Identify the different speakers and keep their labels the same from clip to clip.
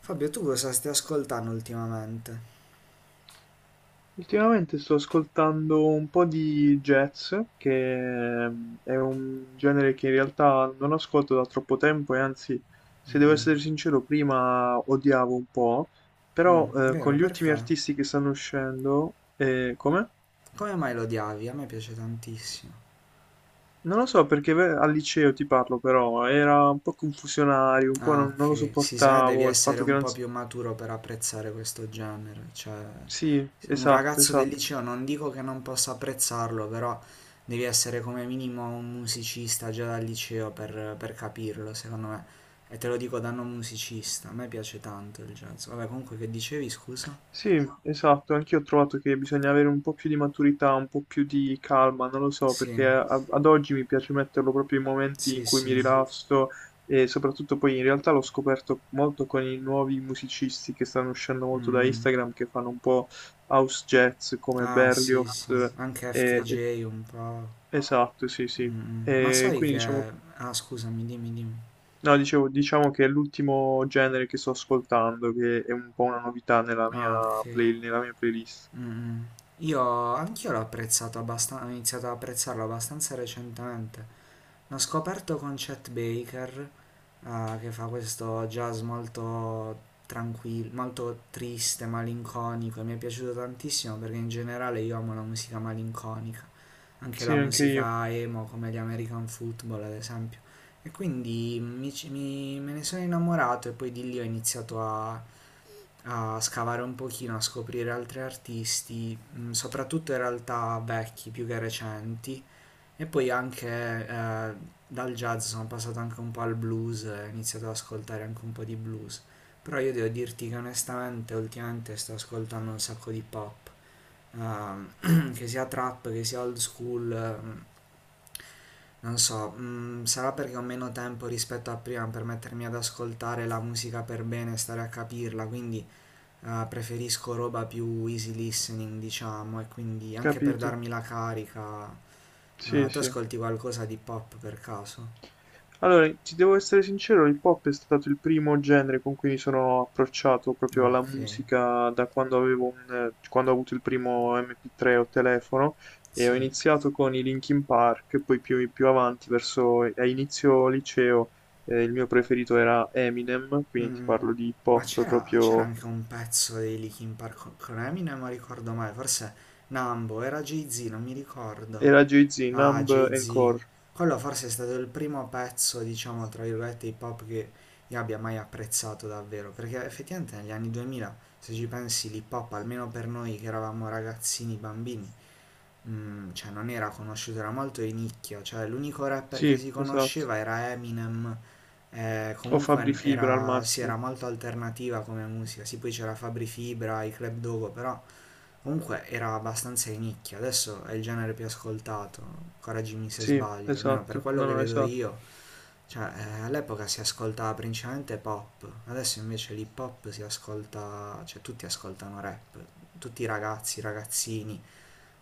Speaker 1: Fabio, tu cosa stai ascoltando ultimamente?
Speaker 2: Ultimamente sto ascoltando un po' di jazz, che è un genere che in realtà non ascolto da troppo tempo e anzi, se devo essere sincero, prima odiavo un po', però
Speaker 1: Mm,
Speaker 2: con
Speaker 1: vero,
Speaker 2: gli ultimi
Speaker 1: perché?
Speaker 2: artisti che stanno uscendo, come?
Speaker 1: Come mai lo odiavi? A me piace tantissimo.
Speaker 2: Non lo so perché al liceo ti parlo, però era un po' confusionario, un po'
Speaker 1: Ah,
Speaker 2: non lo
Speaker 1: ok. Si sa, devi
Speaker 2: sopportavo, il
Speaker 1: essere
Speaker 2: fatto che
Speaker 1: un
Speaker 2: non
Speaker 1: po'
Speaker 2: s-
Speaker 1: più maturo per apprezzare questo genere. Cioè,
Speaker 2: Sì,
Speaker 1: se un
Speaker 2: esatto,
Speaker 1: ragazzo del
Speaker 2: esatto.
Speaker 1: liceo non dico che non possa apprezzarlo, però devi essere come minimo un musicista già dal liceo per capirlo, secondo me. E te lo dico da non musicista, a me piace tanto il jazz. Vabbè, comunque che dicevi, scusa?
Speaker 2: Sì, esatto, anch'io ho trovato che bisogna avere un po' più di maturità, un po' più di calma, non lo so,
Speaker 1: Sì,
Speaker 2: perché a- ad oggi mi piace metterlo proprio in momenti in
Speaker 1: sì,
Speaker 2: cui mi
Speaker 1: sì.
Speaker 2: rilasso e soprattutto poi in realtà l'ho scoperto molto con i nuovi musicisti che stanno uscendo molto da Instagram, che fanno un po' house jazz come
Speaker 1: Ah sì,
Speaker 2: Berlioz
Speaker 1: sì, anche
Speaker 2: e-
Speaker 1: FKJ un po'.
Speaker 2: Esatto, sì, sì.
Speaker 1: Mm, mm. Ma
Speaker 2: E
Speaker 1: sai
Speaker 2: quindi diciamo,
Speaker 1: che... Ah scusami, dimmi, dimmi.
Speaker 2: no, dicevo, diciamo che è l'ultimo genere che sto ascoltando, che è un po' una novità nella mia
Speaker 1: Ah ok.
Speaker 2: nella mia playlist.
Speaker 1: Mm, mm. Io Anch'io l'ho apprezzato abbastanza, ho iniziato ad apprezzarlo abbastanza recentemente. L'ho scoperto con Chet Baker, che fa questo jazz molto tranquillo, molto triste, malinconico, e mi è piaciuto tantissimo perché in generale io amo la musica malinconica, anche la
Speaker 2: Sì, anche io,
Speaker 1: musica emo come gli American Football ad esempio. E quindi me ne sono innamorato e poi di lì ho iniziato a scavare un pochino, a scoprire altri artisti, soprattutto in realtà vecchi più che recenti. E poi anche dal jazz sono passato anche un po' al blues, e ho iniziato ad ascoltare anche un po' di blues. Però io devo dirti che onestamente ultimamente sto ascoltando un sacco di pop, che sia trap, che sia old school, non so, sarà perché ho meno tempo rispetto a prima per mettermi ad ascoltare la musica per bene e stare a capirla, quindi preferisco roba più easy listening, diciamo, e quindi anche per
Speaker 2: capito.
Speaker 1: darmi la carica.
Speaker 2: Sì,
Speaker 1: Ah, tu
Speaker 2: sì.
Speaker 1: ascolti qualcosa di pop per caso?
Speaker 2: Allora, ti devo essere sincero, il pop è stato il primo genere con cui mi sono approcciato proprio
Speaker 1: Ah,
Speaker 2: alla
Speaker 1: ok,
Speaker 2: musica da quando avevo un, quando ho avuto il primo MP3 o telefono e ho
Speaker 1: sì.
Speaker 2: iniziato con i Linkin Park, poi più avanti, verso a inizio liceo, il mio preferito era Eminem, quindi ti
Speaker 1: Mm.
Speaker 2: parlo di hip
Speaker 1: Ma
Speaker 2: hop
Speaker 1: c'era
Speaker 2: proprio,
Speaker 1: anche un pezzo dei Linkin Park con Eminem, non ricordo mai, forse Nambo, era Jay-Z, non mi ricordo.
Speaker 2: era Jay-Z,
Speaker 1: Ah,
Speaker 2: Numb and
Speaker 1: Jay-Z.
Speaker 2: Core.
Speaker 1: Quello forse è stato il primo pezzo, diciamo, tra virgolette, hip hop che io abbia mai apprezzato davvero, perché effettivamente negli anni 2000, se ci pensi, l'hip hop, almeno per noi che eravamo ragazzini, bambini, cioè non era conosciuto, era molto di nicchia, cioè l'unico rapper che
Speaker 2: Sì,
Speaker 1: si
Speaker 2: esatto.
Speaker 1: conosceva era Eminem,
Speaker 2: O Fabri
Speaker 1: comunque
Speaker 2: Fibra al
Speaker 1: era, sì,
Speaker 2: massimo.
Speaker 1: era molto alternativa come musica, sì poi c'era Fabri Fibra, i Club Dogo, però comunque era abbastanza di nicchia, adesso è il genere più ascoltato, correggimi se
Speaker 2: Sì,
Speaker 1: sbaglio, almeno per
Speaker 2: esatto,
Speaker 1: quello
Speaker 2: no,
Speaker 1: che
Speaker 2: no,
Speaker 1: vedo
Speaker 2: esatto.
Speaker 1: io, cioè all'epoca si ascoltava principalmente pop, adesso invece l'hip hop si ascolta, cioè tutti ascoltano rap, tutti i ragazzi, i ragazzini,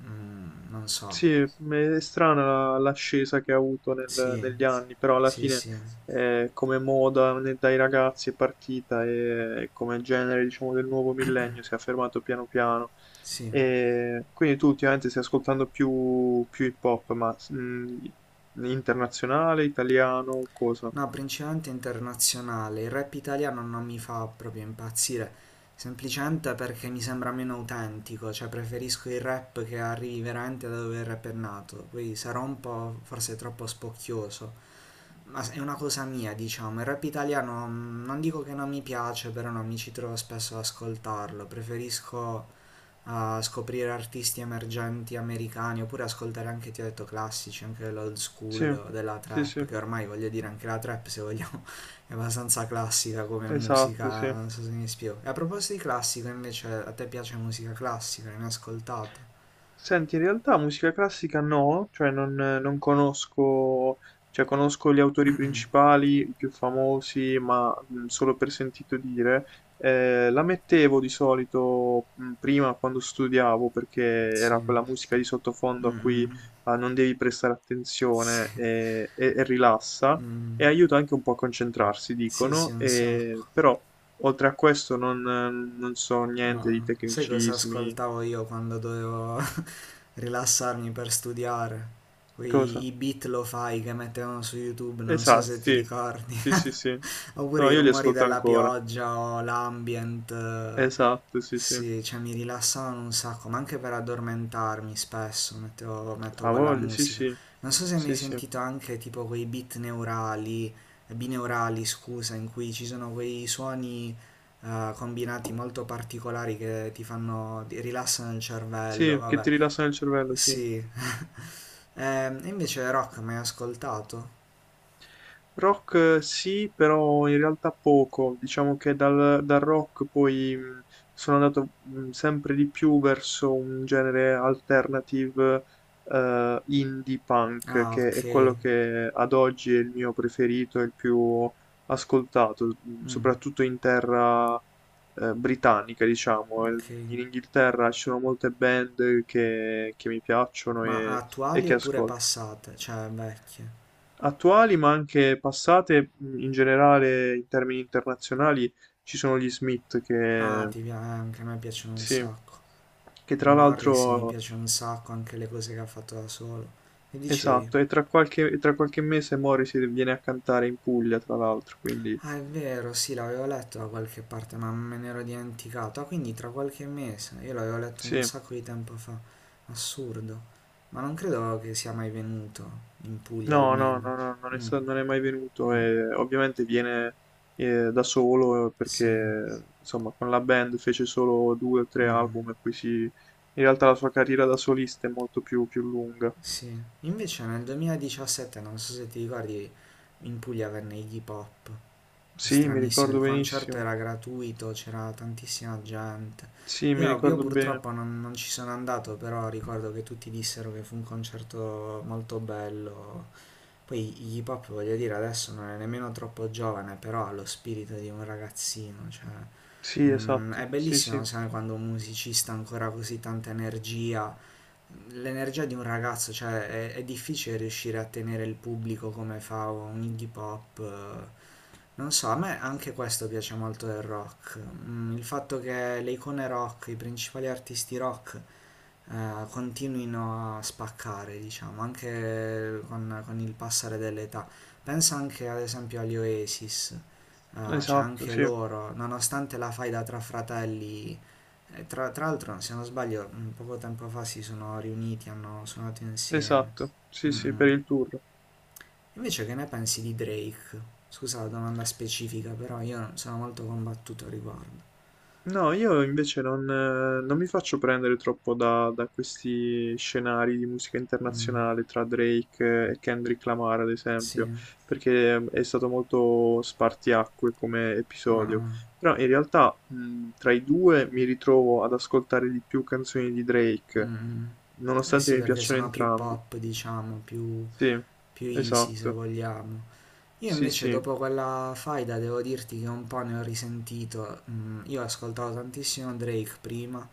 Speaker 1: non so.
Speaker 2: Sì, è strana l'ascesa che ha avuto
Speaker 1: Sì,
Speaker 2: negli anni, però alla
Speaker 1: sì,
Speaker 2: fine
Speaker 1: sì,
Speaker 2: come moda ne- dai ragazzi è partita e come genere, diciamo, del nuovo millennio si è affermato piano piano.
Speaker 1: sì.
Speaker 2: E quindi tu ultimamente stai ascoltando più hip hop, ma internazionale, italiano, cosa?
Speaker 1: No, principalmente internazionale. Il rap italiano non mi fa proprio impazzire, semplicemente perché mi sembra meno autentico, cioè preferisco il rap che arrivi veramente da dove il rap è nato. Poi sarò un po' forse troppo spocchioso, ma è una cosa mia, diciamo. Il rap italiano non dico che non mi piace, però non mi ci trovo spesso ad ascoltarlo. Preferisco a scoprire artisti emergenti americani oppure ascoltare anche, ti ho detto, classici, anche dell'old
Speaker 2: Sì,
Speaker 1: school, della
Speaker 2: sì,
Speaker 1: trap,
Speaker 2: sì,
Speaker 1: che ormai voglio dire anche la trap, se vogliamo, è abbastanza classica come
Speaker 2: esatto, sì.
Speaker 1: musica, non so se mi spiego. E a proposito di classico, invece, a te piace musica classica, ne hai ascoltata?
Speaker 2: Senti, in realtà musica classica no, cioè non conosco, cioè conosco gli autori principali, i più famosi, ma solo per sentito dire. La mettevo di solito prima quando studiavo, perché
Speaker 1: Sì.
Speaker 2: era quella musica di sottofondo a
Speaker 1: Mm,
Speaker 2: cui
Speaker 1: mm.
Speaker 2: ah, non devi prestare
Speaker 1: Sì,
Speaker 2: attenzione e, e rilassa,
Speaker 1: mm.
Speaker 2: e aiuta anche un po' a concentrarsi,
Speaker 1: Sì, sì,
Speaker 2: dicono,
Speaker 1: un
Speaker 2: e,
Speaker 1: sacco.
Speaker 2: però oltre a questo non so
Speaker 1: Ah,
Speaker 2: niente di
Speaker 1: sai cosa
Speaker 2: tecnicismi,
Speaker 1: ascoltavo io quando dovevo rilassarmi per studiare?
Speaker 2: cosa?
Speaker 1: I beat lo-fi che mettevano su YouTube, non so
Speaker 2: Esatto,
Speaker 1: se ti
Speaker 2: sì.
Speaker 1: ricordi.
Speaker 2: Sì, sì, sì.
Speaker 1: Oppure
Speaker 2: No,
Speaker 1: i
Speaker 2: io li
Speaker 1: rumori
Speaker 2: ascolto
Speaker 1: della
Speaker 2: ancora.
Speaker 1: pioggia o l'ambient.
Speaker 2: Esatto, sì, sì.
Speaker 1: Sì, cioè mi rilassavano un sacco, ma anche per addormentarmi spesso mettevo, metto
Speaker 2: Ha
Speaker 1: quella
Speaker 2: voglia, sì,
Speaker 1: musica.
Speaker 2: sì.
Speaker 1: Non so se hai mai
Speaker 2: Sì, sì.
Speaker 1: sentito anche tipo quei beat neurali, bineurali, scusa, in cui ci sono quei suoni combinati molto particolari che ti rilassano il cervello,
Speaker 2: Sì, che
Speaker 1: vabbè.
Speaker 2: ti rilassano il cervello, sì.
Speaker 1: Sì. Invece rock mai ascoltato?
Speaker 2: Rock sì, però in realtà poco. Diciamo che dal rock poi sono andato sempre di più verso un genere alternative indie punk,
Speaker 1: Ah,
Speaker 2: che
Speaker 1: ok,
Speaker 2: è quello che ad oggi è il mio preferito e il più ascoltato, soprattutto in terra britannica, diciamo.
Speaker 1: ok.
Speaker 2: In Inghilterra ci sono molte band che mi piacciono
Speaker 1: Ma
Speaker 2: e
Speaker 1: attuali
Speaker 2: che
Speaker 1: oppure
Speaker 2: ascolto.
Speaker 1: passate? Cioè vecchie.
Speaker 2: Attuali ma anche passate, in generale in termini internazionali ci sono gli Smith
Speaker 1: Ah,
Speaker 2: che,
Speaker 1: ti piace. Anche a me piacciono un
Speaker 2: sì,
Speaker 1: sacco.
Speaker 2: che tra
Speaker 1: Morrissey mi
Speaker 2: l'altro,
Speaker 1: piace un sacco, anche le cose che ha fatto da solo. Che dicevi?
Speaker 2: esatto, e e tra qualche mese Morrissey viene a cantare in Puglia, tra l'altro, quindi
Speaker 1: Ah, è vero, sì, l'avevo letto da qualche parte, ma me ne ero dimenticato. Ah, quindi tra qualche mese. Io l'avevo letto un
Speaker 2: sì,
Speaker 1: sacco di tempo fa. Assurdo. Ma non credo che sia mai venuto, in Puglia
Speaker 2: no, no,
Speaker 1: almeno.
Speaker 2: no, no, non è,
Speaker 1: Mm,
Speaker 2: sta- non è mai venuto
Speaker 1: mm,
Speaker 2: e ovviamente viene da solo
Speaker 1: sì,
Speaker 2: perché insomma con la band fece solo 2 o 3
Speaker 1: mm,
Speaker 2: album e poi si... In realtà la sua carriera da solista è molto più lunga.
Speaker 1: sì. Invece nel 2017, non so se ti ricordi, in Puglia venne Iggy Pop.
Speaker 2: Sì, mi
Speaker 1: Stranissimo, il
Speaker 2: ricordo
Speaker 1: concerto
Speaker 2: benissimo.
Speaker 1: era gratuito, c'era tantissima gente.
Speaker 2: Sì,
Speaker 1: Io,
Speaker 2: mi
Speaker 1: no, io
Speaker 2: ricordo bene.
Speaker 1: purtroppo non ci sono andato, però ricordo che tutti dissero che fu un concerto molto bello. Poi Iggy Pop, voglio dire, adesso non è nemmeno troppo giovane, però ha lo spirito di un ragazzino, cioè,
Speaker 2: Sì, esatto.
Speaker 1: è
Speaker 2: Sì,
Speaker 1: bellissimo,
Speaker 2: sì.
Speaker 1: sai, quando un musicista ha ancora così tanta energia, l'energia di un ragazzo, cioè, è difficile riuscire a tenere il pubblico come fa un Iggy Pop, non so, a me anche questo piace molto del rock. Il fatto che le icone rock, i principali artisti rock continuino a spaccare, diciamo, anche con il passare dell'età. Pensa anche ad esempio agli Oasis, cioè
Speaker 2: Esatto,
Speaker 1: anche
Speaker 2: sì.
Speaker 1: loro, nonostante la faida tra fratelli, tra l'altro se non sbaglio poco tempo fa si sono riuniti, hanno suonato insieme.
Speaker 2: Esatto. Sì,
Speaker 1: Mm,
Speaker 2: sì, per
Speaker 1: mm.
Speaker 2: il tour.
Speaker 1: Invece che ne pensi di Drake? Scusa la domanda specifica, però io sono molto combattuto al riguardo.
Speaker 2: No, io invece non mi faccio prendere troppo da questi scenari di musica
Speaker 1: Mm,
Speaker 2: internazionale tra Drake e Kendrick Lamar, ad esempio,
Speaker 1: sì,
Speaker 2: perché è stato molto spartiacque come
Speaker 1: ah,
Speaker 2: episodio.
Speaker 1: ah,
Speaker 2: Però in realtà, tra i due mi ritrovo ad ascoltare di più canzoni di Drake,
Speaker 1: mm, mm. Eh
Speaker 2: nonostante
Speaker 1: sì,
Speaker 2: mi
Speaker 1: perché
Speaker 2: piacciono
Speaker 1: sono più
Speaker 2: entrambi.
Speaker 1: pop, diciamo, più,
Speaker 2: Sì,
Speaker 1: più easy se
Speaker 2: esatto.
Speaker 1: vogliamo. Io
Speaker 2: Sì,
Speaker 1: invece
Speaker 2: sì.
Speaker 1: dopo quella faida devo dirti che un po' ne ho risentito. Mm, io ascoltavo tantissimo Drake prima.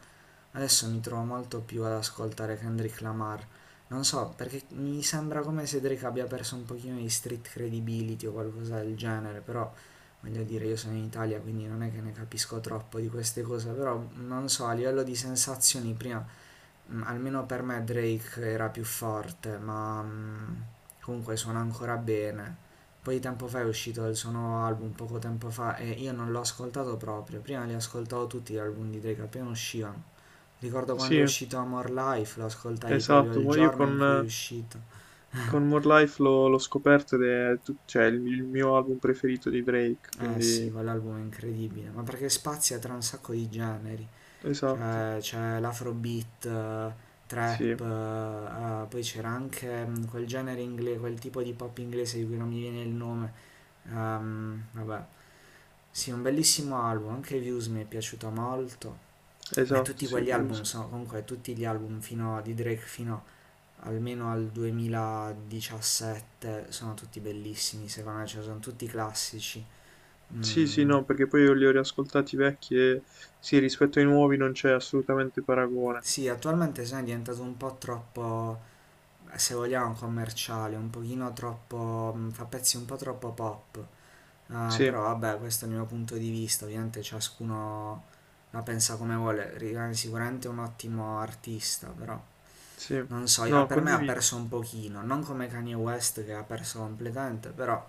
Speaker 1: Adesso mi trovo molto più ad ascoltare Kendrick Lamar. Non so, perché mi sembra come se Drake abbia perso un pochino di street credibility o qualcosa del genere, però voglio dire, io sono in Italia, quindi non è che ne capisco troppo di queste cose, però non so, a livello di sensazioni prima, almeno per me Drake era più forte, ma comunque suona ancora bene. Poi tempo fa è uscito il suo nuovo album, poco tempo fa, e io non l'ho ascoltato proprio, prima li ascoltavo tutti gli album di Drake appena uscivano. Ricordo quando
Speaker 2: Sì,
Speaker 1: è uscito Amor Life, lo ascoltai proprio
Speaker 2: esatto.
Speaker 1: il
Speaker 2: Ma
Speaker 1: giorno in cui è uscito.
Speaker 2: con More Life l'ho scoperto ed è tut- cioè, il mio album preferito di Drake,
Speaker 1: Eh
Speaker 2: quindi
Speaker 1: sì, quell'album è incredibile, ma perché spazia tra un sacco di generi.
Speaker 2: esatto.
Speaker 1: Cioè, c'è l'afrobeat,
Speaker 2: Sì,
Speaker 1: trap, poi c'era anche quel genere inglese, quel tipo di pop inglese di cui non mi viene il nome. Vabbè, sì, un bellissimo album, anche Views mi è piaciuto molto. Ma
Speaker 2: esatto,
Speaker 1: tutti
Speaker 2: sì,
Speaker 1: quegli album
Speaker 2: Views.
Speaker 1: sono comunque tutti gli album di Drake fino almeno al 2017 sono tutti bellissimi, secondo me, cioè sono tutti classici.
Speaker 2: Sì, sì,
Speaker 1: Mm,
Speaker 2: no, perché poi io li ho riascoltati vecchi e sì, rispetto ai nuovi non c'è assolutamente paragone.
Speaker 1: sì, attualmente se ne è diventato un po' troppo, se vogliamo, commerciale, un pochino troppo, fa pezzi un po' troppo pop. Ah,
Speaker 2: Sì,
Speaker 1: però vabbè, questo è il mio punto di vista, ovviamente ciascuno la pensa come vuole, rimane sicuramente un ottimo artista, però
Speaker 2: sì.
Speaker 1: non so, ah,
Speaker 2: No,
Speaker 1: per me ha
Speaker 2: condivido.
Speaker 1: perso un pochino, non come Kanye West che ha perso completamente, però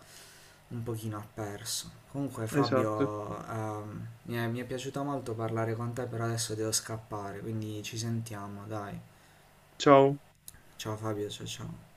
Speaker 1: un pochino ha perso. Comunque
Speaker 2: Esatto.
Speaker 1: Fabio, mi è piaciuto molto parlare con te, però adesso devo scappare, quindi ci sentiamo, dai.
Speaker 2: Ciao.
Speaker 1: Ciao Fabio, ciao ciao.